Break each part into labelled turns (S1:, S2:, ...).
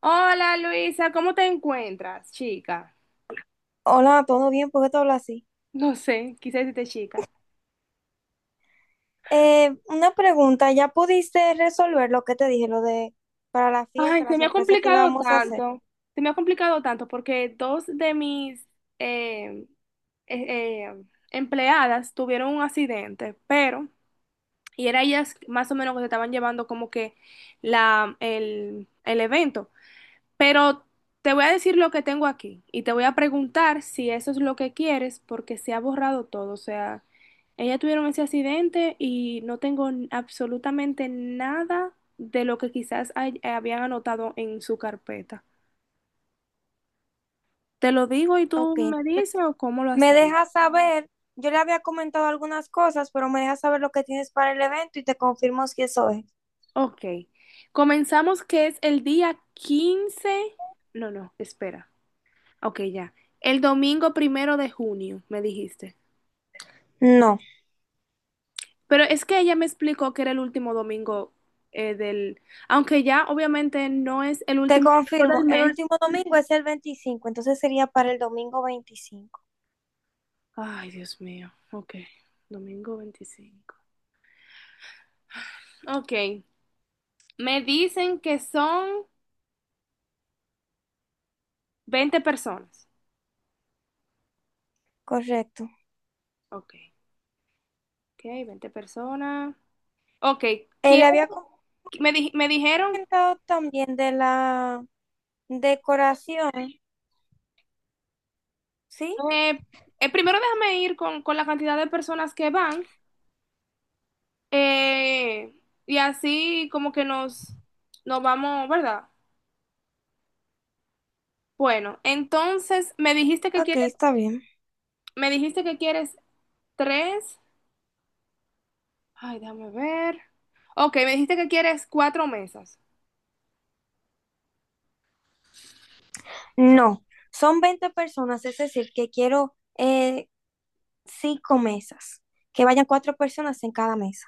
S1: Hola Luisa, ¿cómo te encuentras, chica?
S2: Hola, ¿todo bien? ¿Por qué te hablas así?
S1: No sé, quise decirte chica.
S2: Una pregunta, ¿ya pudiste resolver lo que te dije, lo de para la fiesta,
S1: Ay,
S2: la
S1: se me ha
S2: sorpresa que le
S1: complicado
S2: vamos a hacer?
S1: tanto, se me ha complicado tanto porque dos de mis eh, eh, eh, empleadas tuvieron un accidente, pero, y era ellas más o menos que se estaban llevando como que la, el evento. Pero te voy a decir lo que tengo aquí y te voy a preguntar si eso es lo que quieres porque se ha borrado todo. O sea, ella tuvieron ese accidente y no tengo absolutamente nada de lo que quizás habían anotado en su carpeta. Te lo digo y
S2: Ok,
S1: tú me
S2: entonces,
S1: dices o cómo lo
S2: me
S1: hacemos.
S2: dejas saber, yo le había comentado algunas cosas, pero me dejas saber lo que tienes para el evento y te confirmo si eso es.
S1: Ok. Comenzamos que es el día 15. No, no, espera. Ok, ya. El domingo 1 de junio, me dijiste.
S2: No,
S1: Pero es que ella me explicó que era el último domingo del, aunque ya obviamente no es el
S2: te
S1: último domingo del
S2: confirmo, el
S1: mes.
S2: último domingo es el 25. Entonces sería para el domingo 25.
S1: Ay, Dios mío. Ok, domingo 25. Ok, me dicen que son 20 personas.
S2: Correcto.
S1: Ok, ok, 20 personas. Ok,
S2: Él le
S1: quiero,
S2: había
S1: me dijeron,
S2: comentado también de la decoración, ¿sí?
S1: eh, primero déjame ir con, la cantidad de personas que van, eh, y así como que nos vamos, ¿verdad? Bueno, entonces me dijiste que
S2: Ok,
S1: quieres,
S2: está bien.
S1: me dijiste que quieres tres. Ay, déjame ver. Ok, me dijiste que quieres cuatro mesas.
S2: No, son 20 personas, es decir, que quiero cinco mesas, que vayan cuatro personas en cada mesa.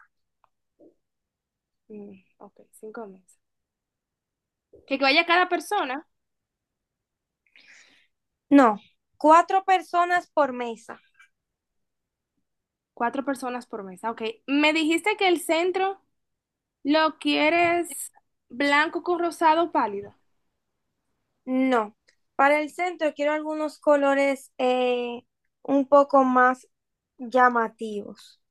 S1: Mm, ok, cinco mesas. Que vaya cada persona,
S2: No, cuatro personas por mesa.
S1: cuatro personas por mesa. Ok, me dijiste que el centro lo quieres blanco con rosado pálido.
S2: No, para el centro quiero algunos colores un poco más llamativos.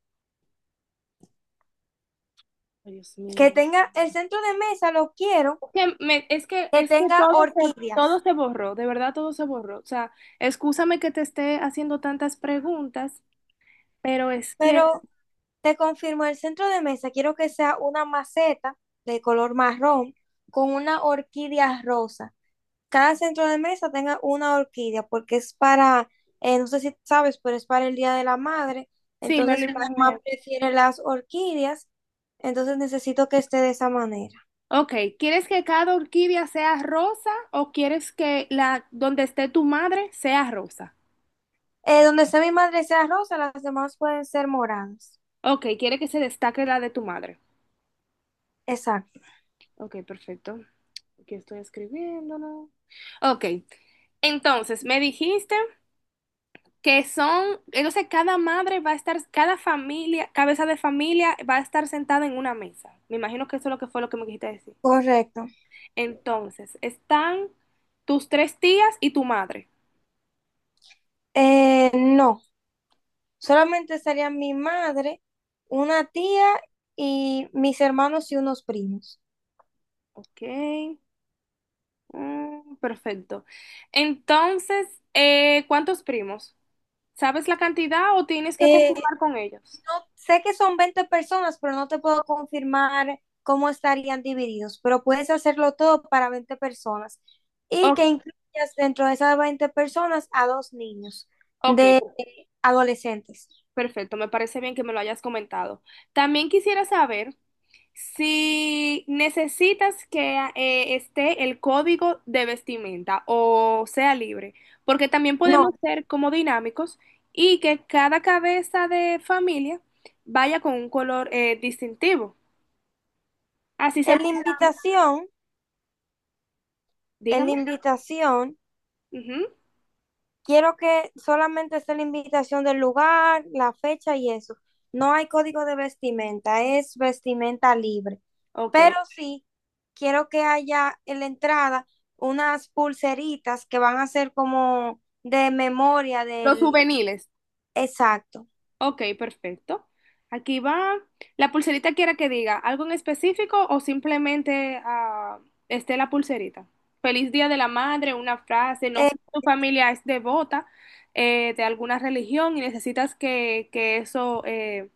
S1: Ay, Dios
S2: Que
S1: mío.
S2: tenga el centro de mesa, lo quiero,
S1: Es que,
S2: que
S1: es que
S2: tenga
S1: todo se,
S2: orquídeas,
S1: todo se borró, de verdad todo se borró. O sea, excúsame que te esté haciendo tantas preguntas, pero es que
S2: pero. Te confirmo, el centro de mesa quiero que sea una maceta de color marrón con una orquídea rosa. Cada centro de mesa tenga una orquídea porque es para, no sé si sabes, pero es para el Día de la Madre.
S1: sí, me lo
S2: Entonces mi mamá
S1: imaginé.
S2: prefiere las orquídeas, entonces necesito que esté de esa manera.
S1: Ok, ¿quieres que cada orquídea sea rosa o quieres que la donde esté tu madre sea rosa?
S2: Donde sea mi madre sea rosa, las demás pueden ser moradas.
S1: Ok, quiere que se destaque la de tu madre.
S2: Exacto,
S1: Ok, perfecto. Aquí estoy escribiéndolo. Ok, entonces me dijiste que son, entonces cada madre va a estar, cada familia, cabeza de familia va a estar sentada en una mesa. Me imagino que eso es lo que fue lo que me quisiste decir.
S2: correcto.
S1: Entonces, están tus tres tías y tu madre.
S2: No. Solamente estarían mi madre, una tía y mis hermanos y unos primos.
S1: Ok. Mm, perfecto. Entonces, ¿cuántos primos? ¿Sabes la cantidad o tienes que
S2: Eh,
S1: confirmar con
S2: no,
S1: ellos?
S2: sé que son 20 personas, pero no te puedo confirmar cómo estarían divididos, pero puedes hacerlo todo para 20 personas y que
S1: O-
S2: incluyas dentro de esas 20 personas a dos niños
S1: ok,
S2: de adolescentes.
S1: perfecto. Me parece bien que me lo hayas comentado. También quisiera saber si necesitas que esté el código de vestimenta o sea libre, porque también podemos
S2: No,
S1: ser como dinámicos y que cada cabeza de familia vaya con un color distintivo. Así se
S2: en la
S1: puede,
S2: invitación, en la
S1: dígame.
S2: invitación
S1: Ujú.
S2: quiero que solamente esté la invitación del lugar, la fecha y eso. No hay código de vestimenta, es vestimenta libre. Pero
S1: Ok.
S2: sí, quiero que haya en la entrada unas pulseritas que van a ser como de memoria
S1: Los
S2: del.
S1: juveniles.
S2: Exacto.
S1: Ok, perfecto. Aquí va. ¿La pulserita quiera que diga algo en específico o simplemente esté la pulserita? Feliz Día de la Madre, una frase. No
S2: Eh,
S1: sé si tu familia es devota de alguna religión y necesitas que eso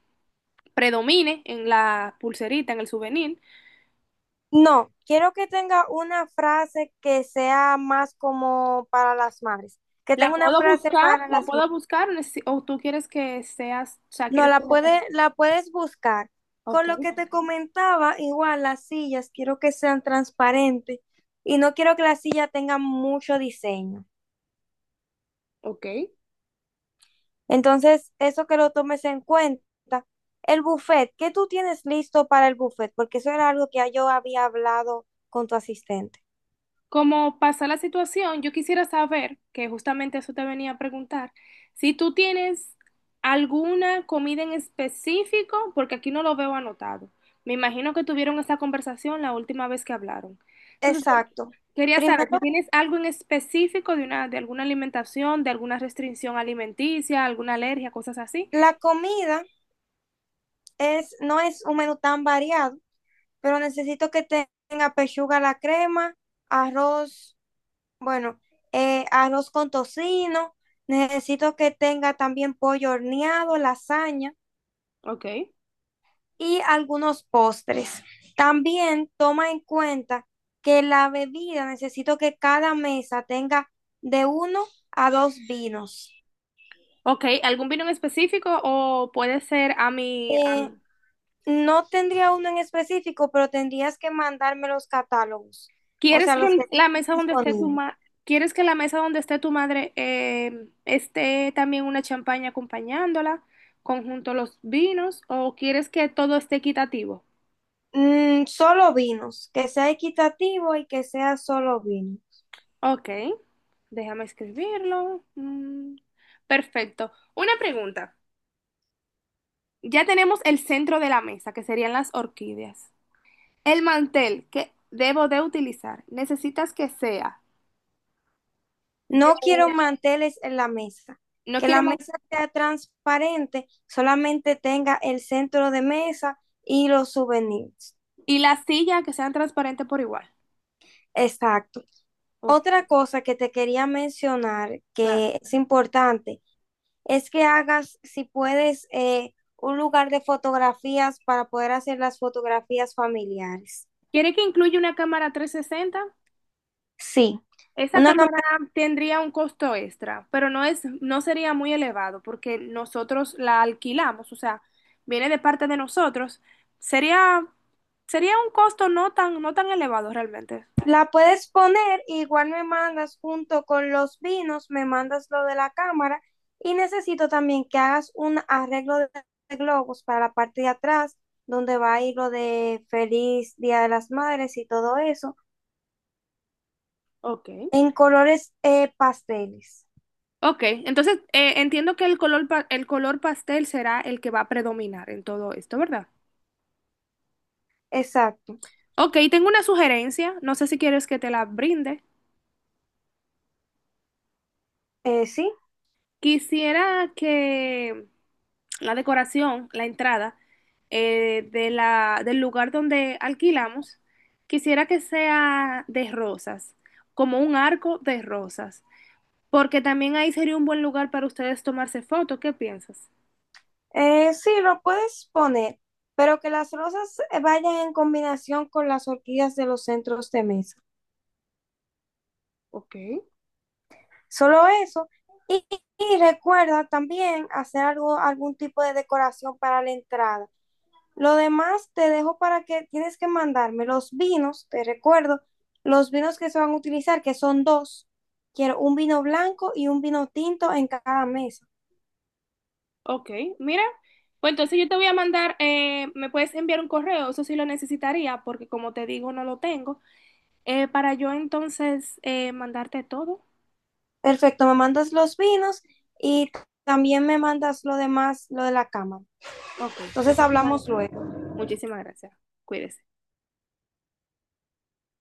S1: predomine en la pulserita, en el souvenir.
S2: no, quiero que tenga una frase que sea más como para las madres, que tenga
S1: ¿La
S2: una
S1: puedo
S2: frase
S1: buscar?
S2: para
S1: ¿La
S2: las.
S1: puedo buscar? Necesi- ¿o tú quieres que seas, o sea,
S2: No,
S1: quieres
S2: la
S1: como...
S2: puede, la puedes buscar. Con
S1: Ok,
S2: lo que te comentaba, igual las sillas quiero que sean transparentes y no quiero que la silla tenga mucho diseño.
S1: ok.
S2: Entonces, eso que lo tomes en cuenta. El buffet, ¿qué tú tienes listo para el buffet? Porque eso era algo que ya yo había hablado con tu asistente.
S1: Como pasa la situación, yo quisiera saber, que justamente eso te venía a preguntar, si tú tienes alguna comida en específico, porque aquí no lo veo anotado. Me imagino que tuvieron esa conversación la última vez que hablaron. Entonces,
S2: Exacto.
S1: quería
S2: Primero,
S1: saber si tienes algo en específico de una, de alguna alimentación, de alguna restricción alimenticia, alguna alergia, cosas así.
S2: la comida no es un menú tan variado. Pero necesito que tenga pechuga a la crema, arroz, bueno, arroz con tocino, necesito que tenga también pollo horneado, lasaña
S1: Ok.
S2: y algunos postres. También toma en cuenta que la bebida, necesito que cada mesa tenga de uno a dos vinos.
S1: Ok, ¿algún vino en específico o puede ser a mi,
S2: Eh, no tendría uno en específico, pero tendrías que mandarme los catálogos, o
S1: ¿quieres
S2: sea,
S1: que
S2: los que
S1: la
S2: tienes
S1: mesa donde esté
S2: disponibles.
S1: ¿quieres que la mesa donde esté tu madre esté también una champaña acompañándola, conjunto los vinos, o quieres que todo esté equitativo?
S2: Solo vinos, que sea equitativo y que sea solo vino.
S1: Ok, déjame escribirlo. Mm, perfecto. Una pregunta. Ya tenemos el centro de la mesa, que serían las orquídeas. El mantel que debo de utilizar, necesitas que sea de-
S2: No quiero manteles en la mesa,
S1: no
S2: que
S1: quiere
S2: la
S1: man-
S2: mesa sea transparente, solamente tenga el centro de mesa y los souvenirs.
S1: y la silla que sean transparentes por igual.
S2: Exacto.
S1: Oh,
S2: Otra cosa que te quería mencionar
S1: claro.
S2: que es importante es que hagas, si puedes, un lugar de fotografías para poder hacer las fotografías familiares.
S1: ¿Quiere que incluya una cámara 360?
S2: Sí.
S1: Esa
S2: Una
S1: cámara tendría un costo extra, pero no es, no sería muy elevado porque nosotros la alquilamos, o sea, viene de parte de nosotros. Sería, sería un costo no tan, no tan elevado realmente.
S2: La puedes poner, igual me mandas junto con los vinos, me mandas lo de la cámara y necesito también que hagas un arreglo de globos para la parte de atrás, donde va a ir lo de Feliz Día de las Madres y todo eso,
S1: Ok.
S2: en colores pasteles.
S1: Ok, entonces entiendo que el color, el color pastel será el que va a predominar en todo esto, ¿verdad?
S2: Exacto.
S1: Ok, tengo una sugerencia, no sé si quieres que te la brinde.
S2: Eh, sí,
S1: Quisiera que la decoración, la entrada de la, del lugar donde alquilamos, quisiera que sea de rosas, como un arco de rosas, porque también ahí sería un buen lugar para ustedes tomarse fotos. ¿Qué piensas?
S2: Eh, sí, lo puedes poner, pero que las rosas vayan en combinación con las orquídeas de los centros de mesa.
S1: Ok.
S2: Solo eso. Y, y recuerda también hacer algo, algún tipo de decoración para la entrada. Lo demás te dejo para que tienes que mandarme los vinos, te recuerdo, los vinos que se van a utilizar, que son dos. Quiero un vino blanco y un vino tinto en cada mesa.
S1: Ok, mira, pues entonces yo te voy a mandar, me puedes enviar un correo, eso sí lo necesitaría, porque como te digo, no lo tengo, para yo entonces mandarte todo.
S2: Perfecto, me mandas los vinos y también me mandas lo demás, lo de la cámara.
S1: Ok,
S2: Entonces
S1: muchísimas
S2: hablamos luego.
S1: Muchísimas gracias. Cuídese.